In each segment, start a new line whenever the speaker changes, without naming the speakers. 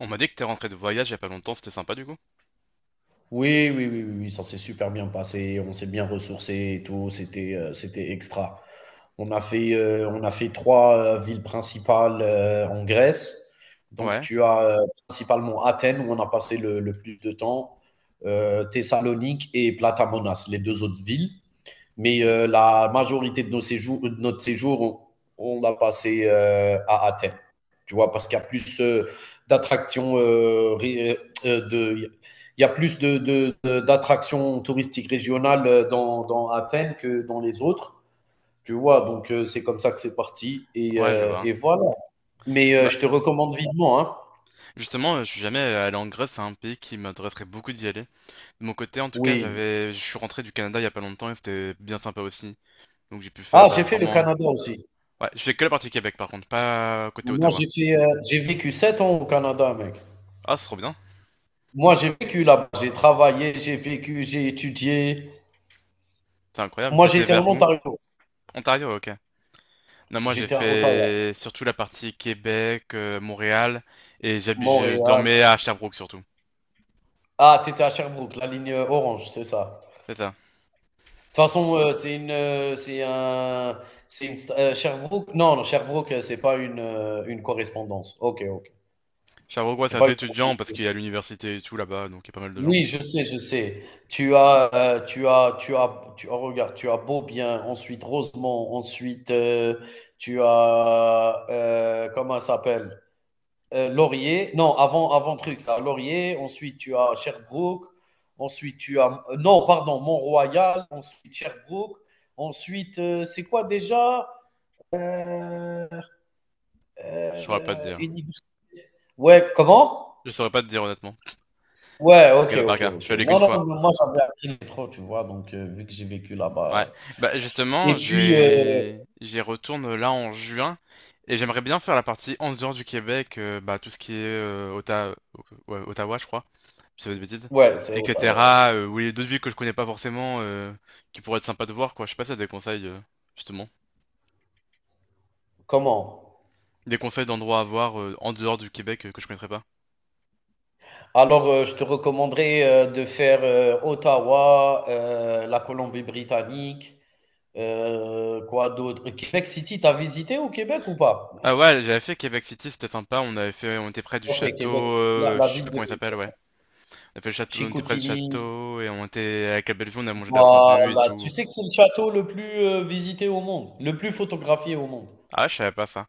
On m'a dit que t'es rentré de voyage il y a pas longtemps, c'était sympa du coup?
Oui, oui, oui, oui, oui, ça s'est super bien passé. On s'est bien ressourcé et tout. C'était extra. On a fait trois villes principales en Grèce. Donc,
Ouais,
tu as principalement Athènes, où on a passé le plus de temps, Thessalonique et Platamonas, les deux autres villes. Mais la majorité de, nos séjours, de notre séjour, on l'a passé à Athènes. Tu vois, parce qu'il y a plus d'attractions de. Il y a plus d'attractions touristiques régionales dans Athènes que dans les autres. Tu vois, donc c'est comme ça que c'est parti. Et,
ouais, je
euh,
vois.
et voilà. Mais
Bah,
je te recommande vivement, hein.
justement, je suis jamais allé en Grèce, c'est un pays qui m'intéresserait beaucoup d'y aller. De mon côté, en tout cas,
Oui.
je suis rentré du Canada il y a pas longtemps et c'était bien sympa aussi. Donc j'ai pu
Ah,
faire
j'ai fait le
vraiment.
Canada aussi.
Ouais, je fais que la partie Québec par contre, pas côté
Moi,
Ottawa.
j'ai vécu 7 ans au Canada, mec.
Ah, c'est trop bien,
Moi, j'ai vécu là-bas, j'ai travaillé, j'ai vécu, j'ai étudié.
c'est incroyable.
Moi,
T'étais
j'étais en
vers où?
Ontario,
Ontario, ok. Non, moi j'ai
j'étais à Ottawa,
fait surtout la partie Québec, Montréal et je
Montréal.
dormais à Sherbrooke surtout.
Ah, tu étais à Sherbrooke, la ligne orange, c'est ça.
C'est ça.
De toute façon, c'est une, c'est un, c'est une Sherbrooke. Non, non, Sherbrooke, c'est pas une correspondance. Ok, ok.
Sherbrooke, ouais, c'est
C'est pas
assez
une station
étudiant
de
parce qu'il y a
correspondance.
l'université et tout là-bas, donc il y a pas mal de gens.
Oui, je sais, je sais. Tu as, tu as, tu as, tu as regarde, tu as Beaubien, ensuite Rosemont, ensuite comment ça s'appelle? Laurier. Non, avant truc, ça. Laurier. Ensuite, tu as Sherbrooke. Ensuite, tu as. Non, pardon, Mont-Royal. Ensuite, Sherbrooke. Ensuite, c'est quoi déjà? Euh,
Je saurais pas te dire.
Université. Ouais, comment?
Je saurais pas te dire honnêtement.
Ouais, ok,
Cas par
ok,
cas. Je
ok.
suis allé qu'une
Non,
fois.
non, moi, j'avais appris le métro, tu vois. Donc, vu que j'ai vécu
Ouais.
là-bas.
Bah justement,
Et puis,
j'y retourne là en juin et j'aimerais bien faire la partie en dehors du Québec, bah tout ce qui est ouais, Ottawa, je crois, je fais des bêtises,
ouais, c'est Ottawa, ouais.
etc. Ou les d'autres villes que je connais pas forcément, qui pourraient être sympas de voir quoi. Je sais pas si t'as des conseils justement,
Comment?
des conseils d'endroits à voir en dehors du Québec que je connaîtrais pas.
Alors, je te recommanderais de faire Ottawa, la Colombie-Britannique, quoi d'autre? Québec City, t'as visité au Québec ou pas?
Ah ouais, j'avais fait Québec City, c'était sympa. On était près du
Ok, Québec,
château,
la,
je
la
sais
ville
plus
de
comment il s'appelle,
Québec.
ouais. On a fait le château, on était près du
Chicoutimi,
château et on était avec la belle on a mangé de la fondue et
voilà. Tu
tout.
sais que c'est le château le plus visité au monde, le plus photographié au monde.
Ah, je savais pas ça.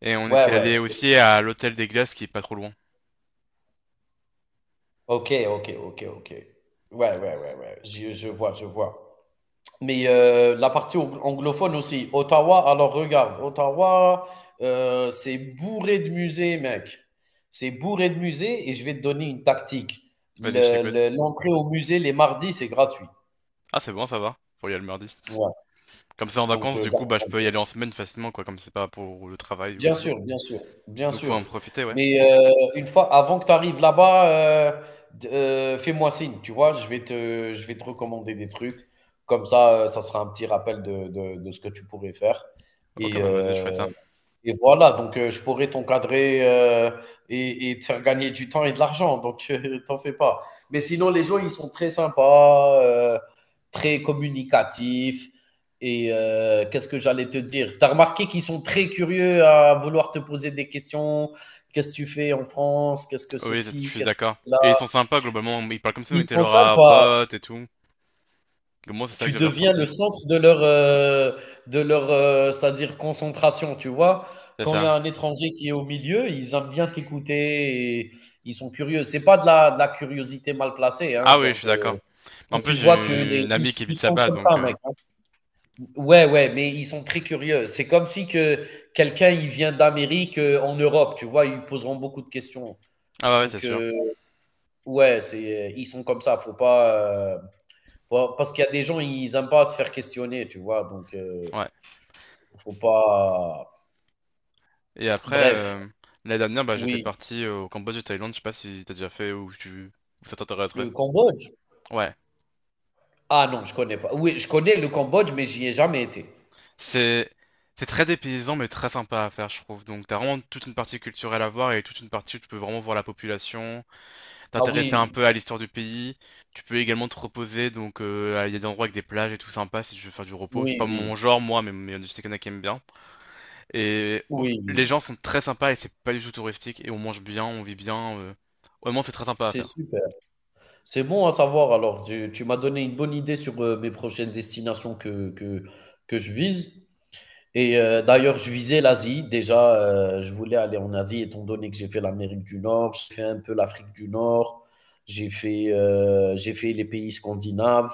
Et on
Ouais,
était
ouais.
allé aussi à l'hôtel des glaces qui est pas trop loin.
Ok, ok, ok, ok. Ouais, ouais, ouais, ouais. Je vois, je vois. Mais la partie anglophone aussi. Ottawa, alors regarde, Ottawa, c'est bourré de musées, mec. C'est bourré de musées et je vais te donner une tactique.
Vas-y, je t'écoute.
L'entrée au musée les mardis, c'est gratuit.
Ah, c'est bon, ça va. Pour y aller le mardi.
Ouais.
Comme c'est en
Donc,
vacances, du
garde
coup, bah
ça
je
en
peux
tête.
y aller en semaine facilement, quoi, comme c'est pas pour le travail ou
Bien
tout.
sûr, bien sûr, bien
Donc faut en
sûr.
profiter, ouais.
Mais une fois, avant que tu arrives là-bas, fais-moi signe, tu vois, je vais te recommander des trucs. Comme ça, ça sera un petit rappel de ce que tu pourrais faire.
Ok,
Et,
bah vas-y, je ferai
euh,
ça.
Et voilà, donc je pourrais t'encadrer, et te faire gagner du temps et de l'argent, donc t'en fais pas. Mais sinon, les gens, ils sont très sympas, très communicatifs et qu'est-ce que j'allais te dire? T'as remarqué qu'ils sont très curieux à vouloir te poser des questions: «Qu'est-ce que tu fais en France? Qu'est-ce que
Oui, je
ceci?
suis
Qu'est-ce que
d'accord.
cela?»
Et ils sont sympas, globalement. Ils parlent comme si on
Ils
était
sont
leurs
sympas.
potes et tout. Moi, c'est ça que
Tu
j'avais
deviens
ressenti.
le centre de leur, c'est-à-dire concentration, tu vois.
C'est
Quand il y
ça.
a un étranger qui est au milieu, ils aiment bien t'écouter et ils sont curieux. C'est pas de la curiosité mal placée, hein.
Ah oui, je suis
Donc,
d'accord.
quand
En plus,
tu vois que
j'ai
les,
une
ils,
amie qui
ils
habite
sont
là-bas,
comme
donc.
ça, mec. Hein. Ouais, ouais, mais ils sont très curieux. C'est comme si que quelqu'un il vient d'Amérique en Europe, tu vois, ils poseront beaucoup de questions.
Ah bah ouais, c'est
Donc,
sûr.
ouais, ils sont comme ça. Faut pas, euh, parce qu'il y a des gens, ils n'aiment pas se faire questionner, tu vois. Donc,
Ouais.
faut pas.
Et après,
Bref,
l'année dernière, bah, j'étais
oui.
parti au Cambodge de Thaïlande. Je sais pas si t'as déjà fait ou ça t'intéresserait.
Le Cambodge?
Ouais.
Ah non, je connais pas. Oui, je connais le Cambodge, mais j'y ai jamais été.
C'est c'est très dépaysant, mais très sympa à faire, je trouve. Donc, t'as vraiment toute une partie culturelle à voir et toute une partie où tu peux vraiment voir la population,
Ah
t'intéresser un
oui,
peu à l'histoire du pays. Tu peux également te reposer. Donc, il y a des endroits avec des plages et tout sympa si tu veux faire du repos. C'est
oui,
pas mon
oui,
genre, moi, mais je sais qu'il y en a qui aiment bien. Et oh,
oui,
les
oui.
gens sont très sympas et c'est pas du tout touristique. Et on mange bien, on vit bien. Vraiment, c'est très sympa à
C'est
faire.
super. C'est bon à savoir. Alors, tu m'as donné une bonne idée sur mes prochaines destinations que je vise. Et d'ailleurs, je visais l'Asie. Déjà, je voulais aller en Asie, étant donné que j'ai fait l'Amérique du Nord, j'ai fait un peu l'Afrique du Nord, j'ai fait les pays scandinaves.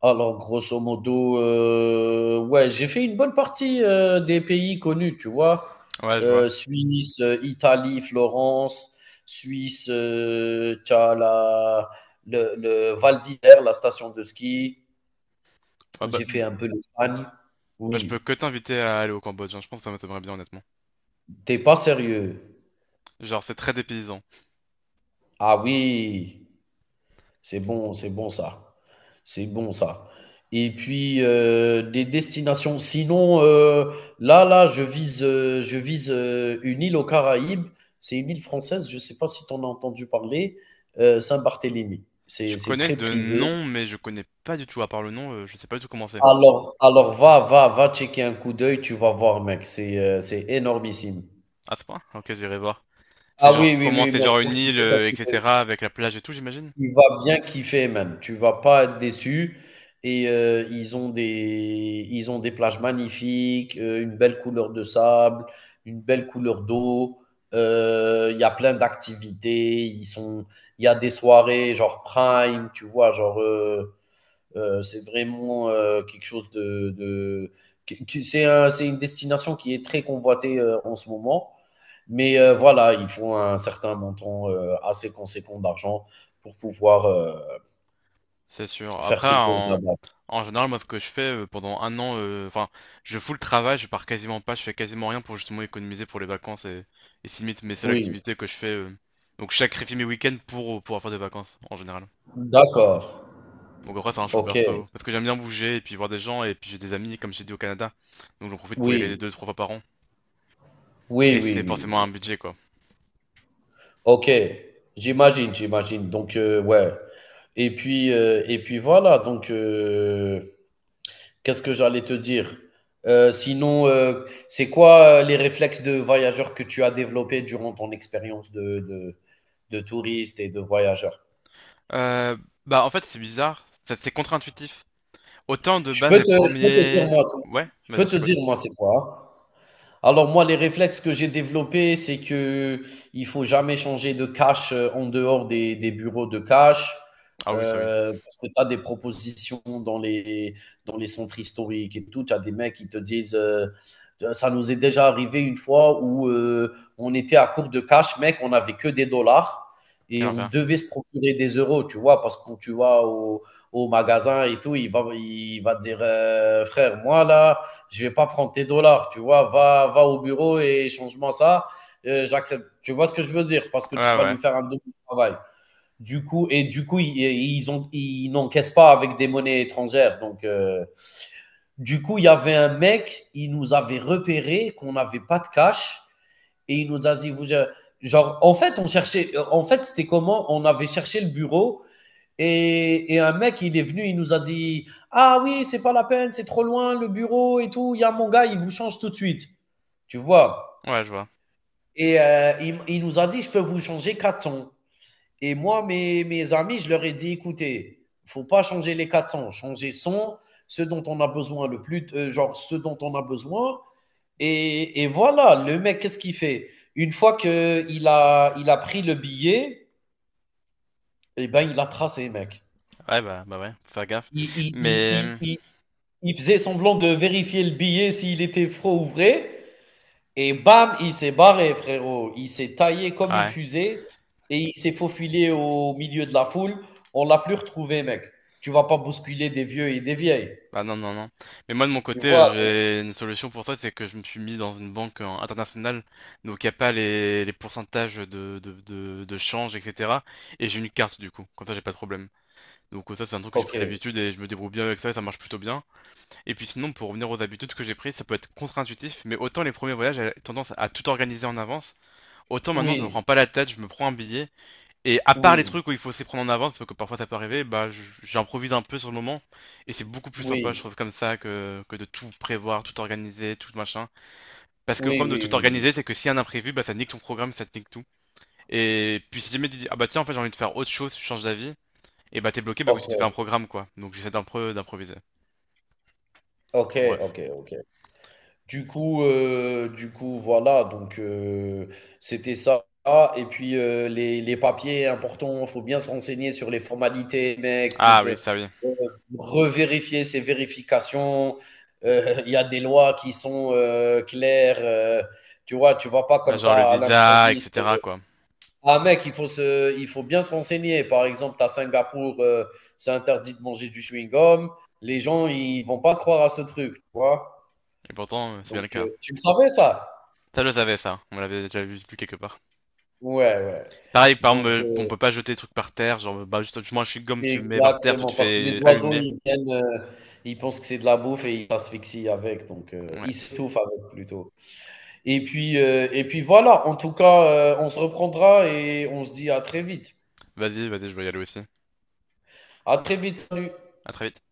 Alors, grosso modo, ouais, j'ai fait une bonne partie des pays connus, tu vois.
Ouais, je vois.
Suisse, Italie, Florence, Suisse, t'as le Val d'Isère, la station de ski.
Ouais, bah,
J'ai fait un peu l'Espagne.
bah, je peux
Oui,
que t'inviter à aller au Cambodge, hein. Je pense que ça m'aimerait bien, honnêtement.
t'es pas sérieux.
Genre, c'est très dépaysant.
Ah oui, c'est bon ça. C'est bon ça. Et puis des destinations sinon, là là, je vise, une île aux Caraïbes. C'est une île française, je ne sais pas si tu en as entendu parler, Saint-Barthélemy.
Je
C'est
connais
très
de
prisé.
nom, mais je connais pas du tout. À part le nom, je sais pas du tout comment c'est.
Alors, va checker un coup d'œil, tu vas voir mec, c'est énormissime.
Ah, c'est pas? Ok, j'irai voir. C'est
Ah
genre,
oui, oui,
comment
oui,
c'est
mec,
genre
faut
une
que tu
île,
jettes un coup d'œil.
etc., avec la plage et tout, j'imagine?
Tu vas bien kiffer même, tu vas pas être déçu et ils ont des plages magnifiques, une belle couleur de sable, une belle couleur d'eau, il y a plein d'activités, ils sont il y a des soirées genre prime, tu vois? Genre, c'est vraiment quelque chose. C'est une destination qui est très convoitée en ce moment. Mais voilà, il faut un certain montant assez conséquent d'argent pour pouvoir
C'est sûr.
faire
Après,
ces choses
en,
là-bas.
en général, moi, ce que je fais pendant un an, enfin, je fous le travail, je pars quasiment pas, je fais quasiment rien pour justement économiser pour les vacances et c'est limite mes seules
Oui,
activités que je fais. Donc, je sacrifie mes week-ends pour pouvoir faire des vacances en général.
d'accord.
Donc, après, c'est un choix
Ok.
perso parce que j'aime bien bouger et puis voir des gens et puis j'ai des amis, comme j'ai dit au Canada. Donc, j'en profite pour y aller
Oui,
deux, trois fois par an
oui,
et
oui,
c'est
oui,
forcément
oui.
un budget quoi.
Ok, j'imagine, j'imagine. Donc, ouais. Et puis voilà. Donc, qu'est-ce que j'allais te dire? Sinon, c'est quoi les réflexes de voyageur que tu as développés durant ton expérience de touriste et de voyageur?
Euh, bah, en fait, c'est bizarre, c'est contre-intuitif. Autant de base, les
Je peux te dire,
premiers.
moi,
Ouais, vas-y, je t'écoute.
c'est quoi? Alors moi, les réflexes que j'ai développés, c'est que il faut jamais changer de cash en dehors des bureaux de cash,
Ah oui, ça oui,
parce que tu as des propositions dans les centres historiques et tout. Tu as des mecs qui te disent, ça nous est déjà arrivé une fois où on était à court de cash, mec, on n'avait que des dollars et
quel
on
enfer.
devait se procurer des euros, tu vois, parce que quand tu vas au magasin et tout, il va te dire, frère, moi là, je vais pas prendre tes dollars, tu vois, va au bureau et change-moi ça. Euh, Tu vois ce que je veux dire? Parce que tu
Ouais,
vas
ouais.
lui faire un double travail. Du coup, ils n'encaissent pas avec des monnaies étrangères. Donc, du coup, il y avait un mec, il nous avait repéré qu'on n'avait pas de cash et il nous a dit, vous, genre, en fait, on cherchait, en fait, c'était comment? On avait cherché le bureau et un mec, il est venu, il nous a dit: ah oui, c'est pas la peine, c'est trop loin, le bureau et tout. Il y a mon gars, il vous change tout de suite. Tu vois?
Ouais, je vois.
Et il nous a dit: je peux vous changer 400. Et moi, mes amis, je leur ai dit: écoutez, il ne faut pas changer les 400, changer 100, ce dont on a besoin le plus, genre ce dont on a besoin. Et voilà, le mec, qu'est-ce qu'il fait? Une fois qu'il a pris le billet, eh ben, il a tracé, mec.
Ouais, bah ouais, faut faire gaffe.
il, il- il-
Mais,
il- il faisait semblant de vérifier le billet s'il était faux ou vrai. Et bam, il s'est barré, frérot. Il s'est taillé comme une
ouais,
fusée et il s'est faufilé au milieu de la foule. On l'a plus retrouvé, mec. Tu vas pas bousculer des vieux et des vieilles.
bah non, non, non. Mais moi, de mon
Tu
côté,
vois?
j'ai une solution pour toi, c'est que je me suis mis dans une banque internationale, donc il n'y a pas les pourcentages de change, etc. Et j'ai une carte, du coup, comme ça, j'ai pas de problème. Donc ça, c'est un truc que j'ai pris
Ok.
l'habitude et je me débrouille bien avec ça et ça marche plutôt bien. Et puis sinon, pour revenir aux habitudes que j'ai prises, ça peut être contre-intuitif, mais autant les premiers voyages, j'avais tendance à tout organiser en avance, autant maintenant, je me prends
Oui,
pas la tête, je me prends un billet. Et à part les
oui,
trucs où il faut s'y prendre en avance, parce que parfois ça peut arriver, bah j'improvise un peu sur le moment. Et c'est beaucoup plus sympa, je
oui,
trouve, comme ça, que de tout prévoir, tout organiser, tout machin. Parce que le
oui,
problème de
oui,
tout
oui.
organiser, c'est que s'il y a un imprévu, bah ça nique ton programme, ça te nique tout. Et puis si jamais tu dis, ah bah tiens, en fait j'ai envie de faire autre chose, tu changes d'avis, et bah t'es bloqué, bah que tu te fais
Ok,
un programme, quoi. Donc j'essaie d'un peu d'improviser.
ok,
Bref.
ok, ok. Du coup, voilà, donc c'était ça et puis, les papiers importants, il faut bien se renseigner sur les formalités, mec, ne
Ah oui,
pe
ça oui.
heu, revérifier ces vérifications. Il y a des lois qui sont, claires, tu vois? Tu vas pas
Bah,
comme
genre le
ça à
visa,
l'improviste.
etc., quoi.
Ah mec, il faut bien se renseigner. Par exemple, à Singapour, c'est interdit de manger du chewing-gum. Les gens, ils vont pas croire à ce truc, tu vois?
Et pourtant, c'est bien
Donc
le cas.
tu le savais ça?
Ça, je le savais, ça. On l'avait déjà vu quelque part.
Ouais, ouais.
Pareil, par exemple,
Donc,
on peut pas jeter des trucs par terre, genre, bah, justement, un chewing-gum, tu le mets par terre, tu te
exactement, parce que les
fais
oiseaux,
allumer.
ils viennent, ils pensent que c'est de la bouffe et ils s'asphyxient avec, donc,
Ouais.
ils s'étouffent avec plutôt. Et puis voilà, en tout cas, on se reprendra et on se dit à très vite.
Vas-y, vas-y, je vais y aller aussi.
À très vite, salut.
À très vite.